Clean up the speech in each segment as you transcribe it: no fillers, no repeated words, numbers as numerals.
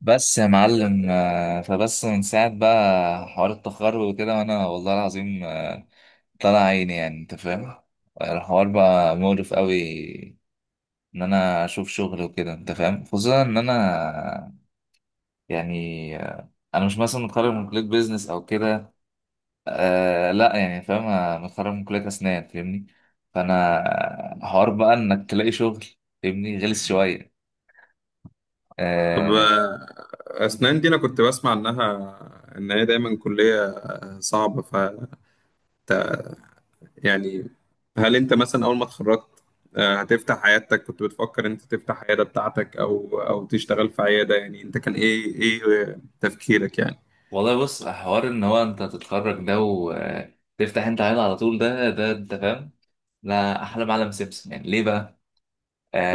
بس يا معلم، فبس من ساعة بقى حوار التخرج وكده وأنا والله العظيم، طلع عيني يعني أنت فاهم. الحوار بقى مقرف قوي، إن أنا أشوف شغل وكده أنت فاهم. خصوصا إن أنا يعني، أنا مش مثلا متخرج من كلية بيزنس أو كده. لا يعني فاهم، أنا متخرج من كلية أسنان فاهمني. فأنا حوار بقى إنك تلاقي شغل، فاهمني. غلس شوية. طب، آه، أسنان دي أنا كنت بسمع إنها، إن هي دايما كلية صعبة. يعني، هل أنت مثلا أول ما اتخرجت هتفتح عيادتك؟ كنت بتفكر إن أنت تفتح عيادة بتاعتك أو تشتغل في عيادة، يعني أنت كان إيه تفكيرك يعني؟ والله بص، حوار ان هو انت تتخرج ده وتفتح انت عيله على طول ده انت فاهم. لا، احلى معلم سيمسون يعني ليه بقى؟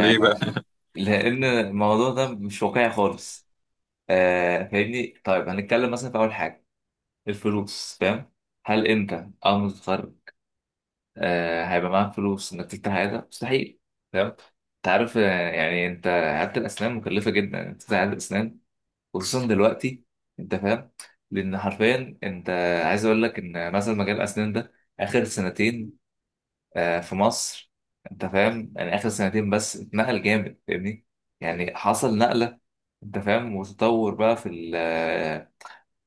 ليه بقى؟ لان الموضوع ده مش واقعي خالص. فاهمني. طيب هنتكلم مثلا في اول حاجه، الفلوس. فاهم، هل انت اول ما تتخرج هيبقى معاك فلوس انك تفتح عيله؟ مستحيل. فاهم، انت عارف. يعني انت، عياده الاسنان مكلفه جدا انت تفتح عياده اسنان، خصوصا دلوقتي انت فاهم. لان حرفيا انت عايز اقول لك ان مثلا مجال الاسنان ده، اخر سنتين في مصر، انت فاهم. يعني اخر سنتين بس اتنقل جامد فاهمني. يعني حصل نقله، انت فاهم، وتطور بقى في ال آه،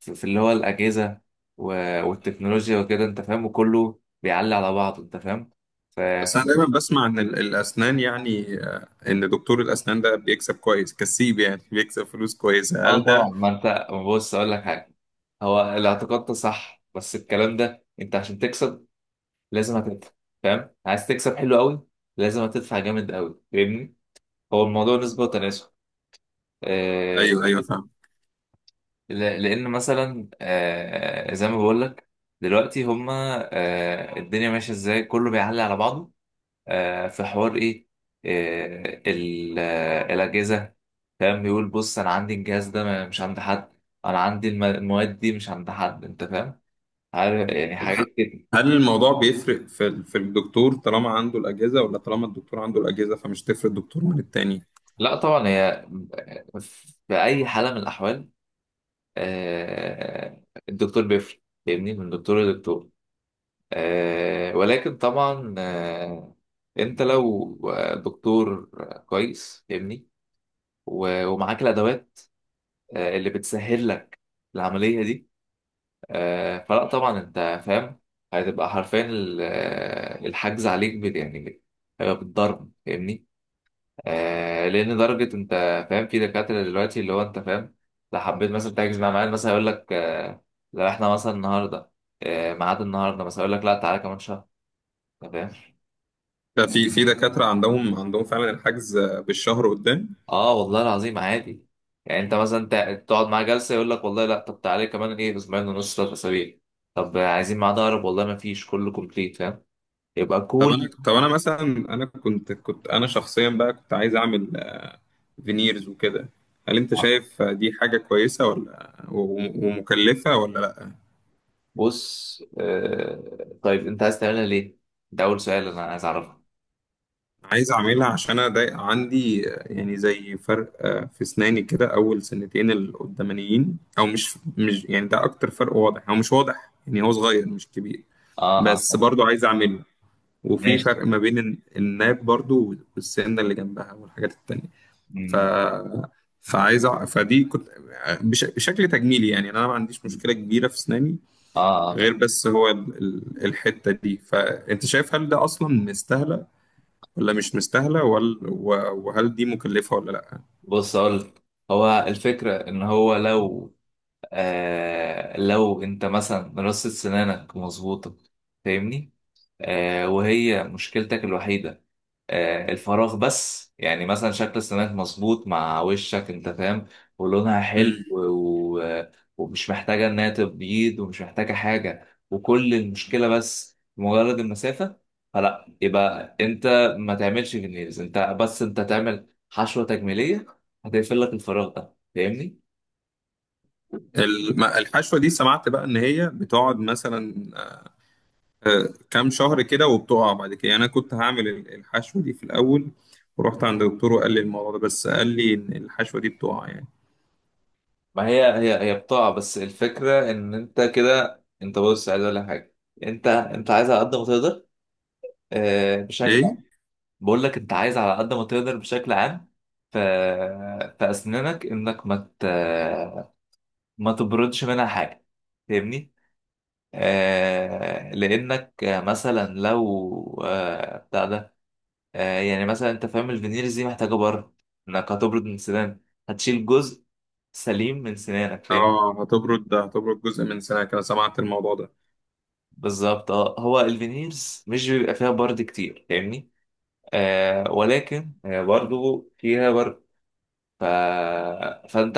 في اللي هو الاجهزه والتكنولوجيا وكده انت فاهم، وكله بيعلي على بعضه انت فاهم. ف بس ف- أنا دايما بسمع إن الأسنان، يعني إن دكتور الأسنان ده بيكسب كويس، كسيب يعني، بيكسب فلوس كويسة. اه هل طبعا، ده؟ ما انت بص اقول لك حاجه. هو الاعتقاد ده صح، بس الكلام ده، انت عشان تكسب لازم هتدفع فاهم. عايز تكسب حلو قوي، لازم هتدفع جامد قوي فاهمني. هو الموضوع مم. نسبة وتناسب. أيوه، آه أيوه، فاهم. لأن مثلا زي ما بقول لك، دلوقتي هما، الدنيا ماشية ازاي، كله بيعلي على بعضه. في حوار ايه، الأجهزة. فاهم، بيقول بص أنا عندي الجهاز ده مش عند حد، أنا عندي المواد دي مش عند حد أنت فاهم. عارف يعني حاجات كده. هل الموضوع بيفرق في الدكتور طالما عنده الأجهزة، ولا طالما الدكتور عنده الأجهزة فمش تفرق الدكتور من التاني؟ لا طبعا، هي في أي حالة من الأحوال، آه، الدكتور بيفرق فاهمني، من دكتور لدكتور. ولكن طبعا، انت لو دكتور كويس فاهمني، ومعاك الادوات اللي بتسهل لك العمليه دي، فلا طبعا انت فاهم، هتبقى حرفيا الحجز عليك يعني هيبقى بالضرب فاهمني. لان درجه، انت فاهم في دكاتره دلوقتي اللي هو انت فاهم، لو حبيت مثلا تحجز مع معاد مثلا يقول لك لو احنا مثلا النهارده، ميعاد النهارده مثلا، يقول لك لا، تعالى كمان شهر. انت فاهم. ده في دكاترة عندهم فعلا الحجز بالشهر قدام. اه والله العظيم، عادي. يعني انت مثلا تقعد مع جلسه يقول لك والله لا، طب تعالى كمان ايه، اسبوعين ونص، ثلاث اسابيع. طب عايزين ميعاد اقرب، والله ما فيش، كله كومبليت فاهم. يبقى طب كل. أنا طب أنا مثلا، أنا كنت أنا شخصيا بقى كنت عايز أعمل فينيرز وكده. هل أنت شايف دي حاجة كويسة ولا ومكلفة ولا لأ؟ بص طيب انت عايز تعملها ليه؟ ده اول سؤال انا عايز اعرفه. عايز اعملها عشان انا ضايق، عندي يعني زي فرق في اسناني كده، اول سنتين القدامانيين، او مش يعني ده اكتر، فرق واضح او مش واضح، يعني هو صغير مش كبير، اه، بس اه، برضو عايز اعمله. وفي ماشي. فرق ما بين الناب برضو والسنه اللي جنبها والحاجات التانية. ف فدي كنت بشكل تجميلي، يعني انا ما عنديش مم. مشكله كبيره في اسناني، اه، غير بس هو الحته دي. فانت شايف هل ده اصلا مستاهله، ولا مش مستاهلة، ولا وهل دي مكلفة ولا لأ؟ بص اقول، هو الفكره ان هو لو انت مثلا رصة سنانك مظبوطه فاهمني، وهي مشكلتك الوحيده، الفراغ بس. يعني مثلا شكل السماك مظبوط مع وشك انت فاهم، ولونها حلو مم. و- ومش محتاجة انها تبيض، ومش محتاجة حاجة، وكل المشكلة بس مجرد المسافة. فلا يبقى انت ما تعملش فينيرز، انت بس تعمل حشوة تجميلية هتقفل لك الفراغ ده، فاهمني؟ الحشوة دي سمعت بقى إن هي بتقعد مثلا كام شهر كده وبتقع بعد كده، يعني أنا كنت هعمل الحشوة دي في الأول، ورحت عند دكتور وقال لي الموضوع ده، بس قال لي إن الحشوة دي بتقع يعني. ما هي بضاعة. بس الفكرة ان انت كده، انت بص عايز اقول لك حاجة. انت عايز على قد ما تقدر، آه، بشكل ايه، بقول لك انت عايز على قد ما تقدر بشكل عام، في اسنانك انك ما تبردش منها حاجه فاهمني. لانك مثلا لو بتاع ده يعني مثلا انت فاهم، الفينيرز دي محتاجه برد، انك هتبرد من سنانك، هتشيل جزء سليم من سنانك فاهم. هتبرد جزء من سنة كده، سمعت الموضوع ده. بالظبط اه. هو الفينيرز مش بيبقى فيها برد كتير فاهمني. ولكن برضو فيها برد. ف... فانت،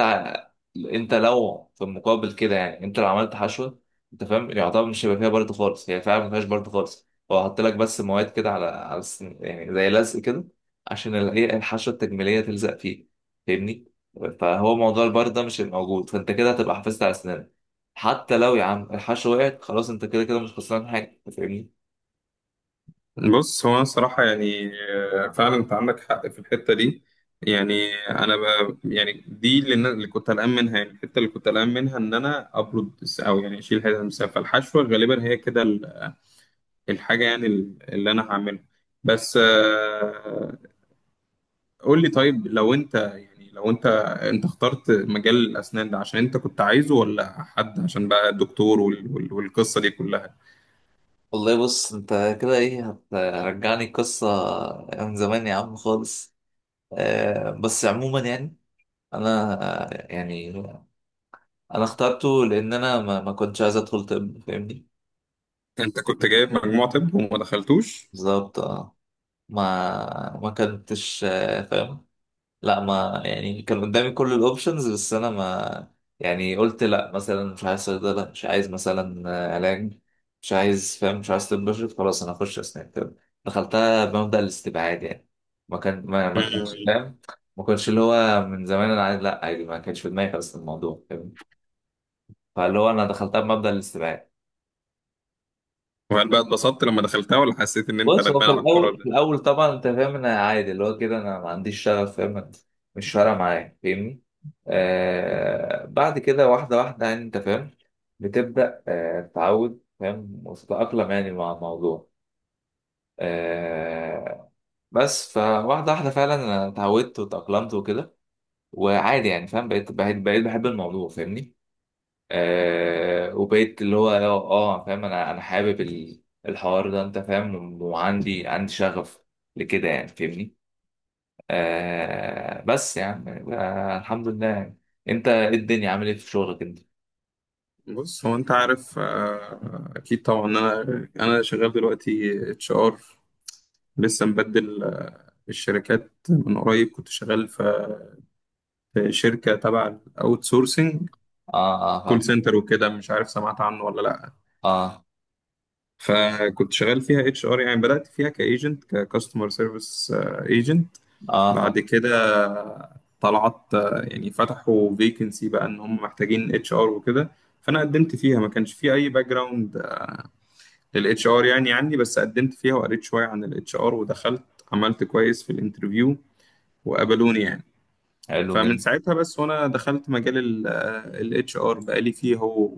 لو في المقابل كده، يعني انت لو عملت حشوه انت فاهم، يعتبر مش هيبقى فيها برد خالص، هي فعلا ما فيهاش برد خالص، هو حط لك بس مواد كده على يعني زي لزق كده عشان ال- ايه الحشوه التجميليه تلزق فيه فاهمني. فهو موضوع البرد ده مش هيبقى موجود، فانت كده هتبقى حافظت على اسنانك. حتى لو يا عم الحشوه وقعت خلاص، انت كده كده مش خسران حاجه أنت فاهمني. بص، هو أنا صراحة، يعني فعلا أنت عندك حق في الحتة دي. يعني أنا، يعني دي اللي كنت قلقان منها، يعني الحتة اللي كنت قلقان منها إن أنا أو يعني أشيل هذا المسافة. الحشوة غالبا هي كده الحاجة، يعني اللي أنا هعملها. بس قول لي طيب، لو أنت، أنت اخترت مجال الأسنان ده عشان أنت كنت عايزه، ولا حد عشان بقى دكتور والقصة دي كلها؟ والله بص، انت كده ايه، هترجعني القصه من زمان يا عم خالص. بس عموما يعني، انا، يعني انا اخترته لان انا ما كنتش عايز ادخل طب فاهمني. أنت كنت جايب مجموع طب وما دخلتوش؟ بالظبط اه. ما كنتش فاهم. لا ما يعني، كان قدامي كل الاوبشنز، بس انا ما يعني قلت لا، مثلا مش عايز صيدله، مش عايز مثلا علاج، مش عايز فاهم، مش عايز طب بشري، خلاص انا اخش اسنان طب. دخلتها بمبدأ الاستبعاد يعني. ما كانش فاهم. ما كنتش اللي هو من زمان انا عايز، لا عادي، ما كانش في دماغي خالص الموضوع فاهم. فاللي هو انا دخلتها بمبدأ الاستبعاد. وهل بقى اتبسطت لما دخلتها، ولا حسيت ان انت بص، هو ندمان في على القرار الاول ده؟ طبعا انت فاهم، انا عادي اللي هو كده، انا ما عنديش شغف فاهم، مش فارقه معايا فاهمني. بعد كده، واحده واحده يعني انت فاهم، بتبدا تتعود فاهم، وتتاقلم يعني مع الموضوع. آه بس فواحده واحده فعلا انا اتعودت وتاقلمت وكده. وعادي يعني فاهم، بقيت بحب الموضوع فاهمني. وبقيت اللي هو، فاهم انا حابب الحوار ده انت فاهم، وعندي شغف لكده يعني فاهمني. بس يعني، الحمد لله يعني. انت، إيه الدنيا عامل ايه في شغلك انت؟ بص، هو انت عارف، اكيد طبعا، انا شغال دلوقتي اتش ار. لسه مبدل الشركات من قريب، كنت شغال في شركه تبع الاوت سورسنج، اه، اه، كول فاهم. سنتر وكده. مش عارف سمعت عنه ولا لا. اه، فكنت شغال فيها اتش ار، يعني بدات فيها كايجنت، ككاستمر سيرفيس ايجنت. اه، بعد فاهم. كده طلعت، يعني فتحوا فيكنسي بقى ان هم محتاجين اتش ار وكده، فانا قدمت فيها. ما كانش في اي باك جراوند للاتش ار يعني عندي، بس قدمت فيها وقريت شويه عن الاتش ار ودخلت، عملت كويس في الانترفيو وقبلوني يعني. حلو فمن جدا. ساعتها بس وانا دخلت مجال الاتش ار، بقالي فيه هو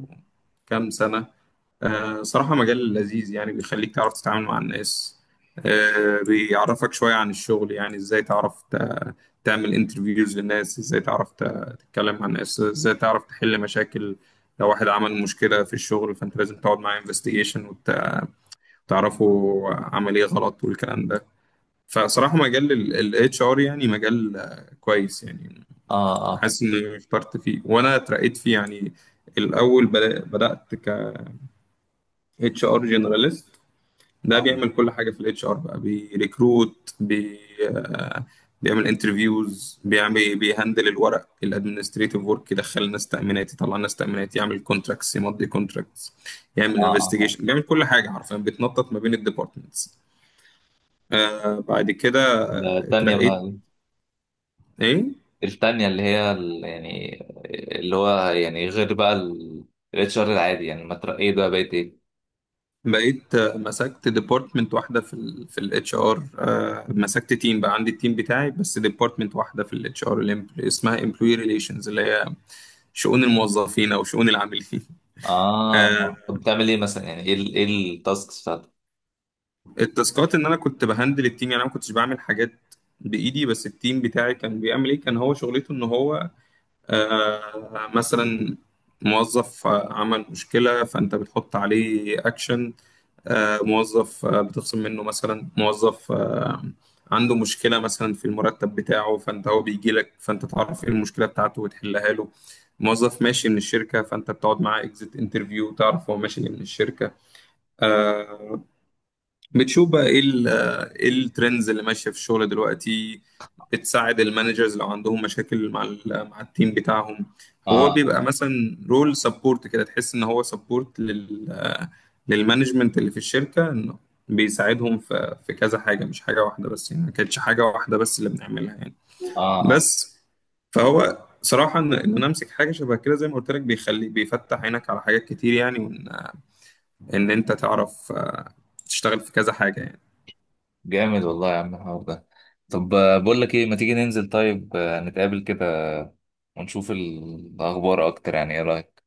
كام سنه. صراحة مجال لذيذ، يعني بيخليك تعرف تتعامل مع الناس، بيعرفك شوية عن الشغل، يعني ازاي تعرف تعمل انترفيوز للناس، ازاي تعرف تتكلم مع الناس، ازاي تعرف تحل مشاكل. لو واحد عمل مشكلة في الشغل فانت لازم تقعد معاه انفستيجيشن وتعرفوا عمل ايه غلط والكلام ده. فصراحة مجال الاتش ار يعني مجال كويس يعني. اه، اه، فاهم. حاسس اني اخترت فيه وانا اترقيت فيه يعني. الاول بدأت اتش ار جنراليست. ده اه، بيعمل كل حاجه في الاتش ار، بقى بيريكروت، بي آه، بيعمل انترفيوز، بيهندل الورق، الادمنستريتيف ورك، يدخل الناس تامينات، يطلع الناس تامينات، يعمل كونتراكتس، يمضي كونتراكتس، اه، يعمل فاهم. انفستيجيشن. بيعمل كل حاجه حرفيا، بيتنطط ما بين الديبارتمنتس. بعد كده ده التانية اترقيت. بقى. ايه، التانية اللي هي، يعني اللي هو يعني، غير بقى الاتش ار العادي يعني، ما ترقيت بقى بقيت ايه؟ بقيت مسكت ديبارتمنت واحده في الاتش ار. مسكت تيم بقى، عندي التيم بتاعي، بس ديبارتمنت واحده في الاتش ار اسمها امبلوي ريليشنز، اللي هي شؤون الموظفين او شؤون العاملين. آه، اه، طب بتعمل ايه مثلا، يعني ايه التاسكس بتاعتك؟ التاسكات ان انا كنت بهندل التيم، يعني انا ما كنتش بعمل حاجات بايدي، بس التيم بتاعي كان بيعمل ايه. كان هو شغلته ان هو مثلا موظف عمل مشكله فانت بتحط عليه اكشن. موظف بتخصم منه، مثلا موظف عنده مشكلة مثلا في المرتب بتاعه، فانت هو بيجي لك فانت تعرف ايه المشكلة بتاعته وتحلها له. موظف ماشي من الشركة فانت بتقعد معاه اكزيت انترفيو، تعرف هو ماشي ليه من الشركة. آه بتشوف بقى ايه ايه الترندز اللي ماشيه في الشغل دلوقتي. بتساعد المانجرز لو عندهم مشاكل مع مع التيم بتاعهم. هو اه، بيبقى اه، مثلا رول سبورت كده، تحس ان هو سبورت لل آه، للمانجمنت اللي في الشركه، انه بيساعدهم في كذا حاجه، مش حاجه واحده بس يعني. ما كانتش حاجه واحده بس اللي بنعملها يعني. اه. بس فهو صراحه إن انا امسك حاجه شبه كده زي ما قلت لك، بيفتح عينك على حاجات كتير، يعني ان انت تعرف تشتغل في كذا حاجة يعني. جامد والله يا عم الحوار ده. طب بقول لك ايه، ما تيجي ننزل طيب، نتقابل كده ونشوف الاخبار اكتر، يعني ايه رايك؟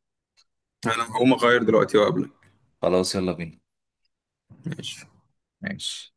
انا هقوم اغير دلوقتي وقبلك. خلاص يلا بينا. ماشي ماشي.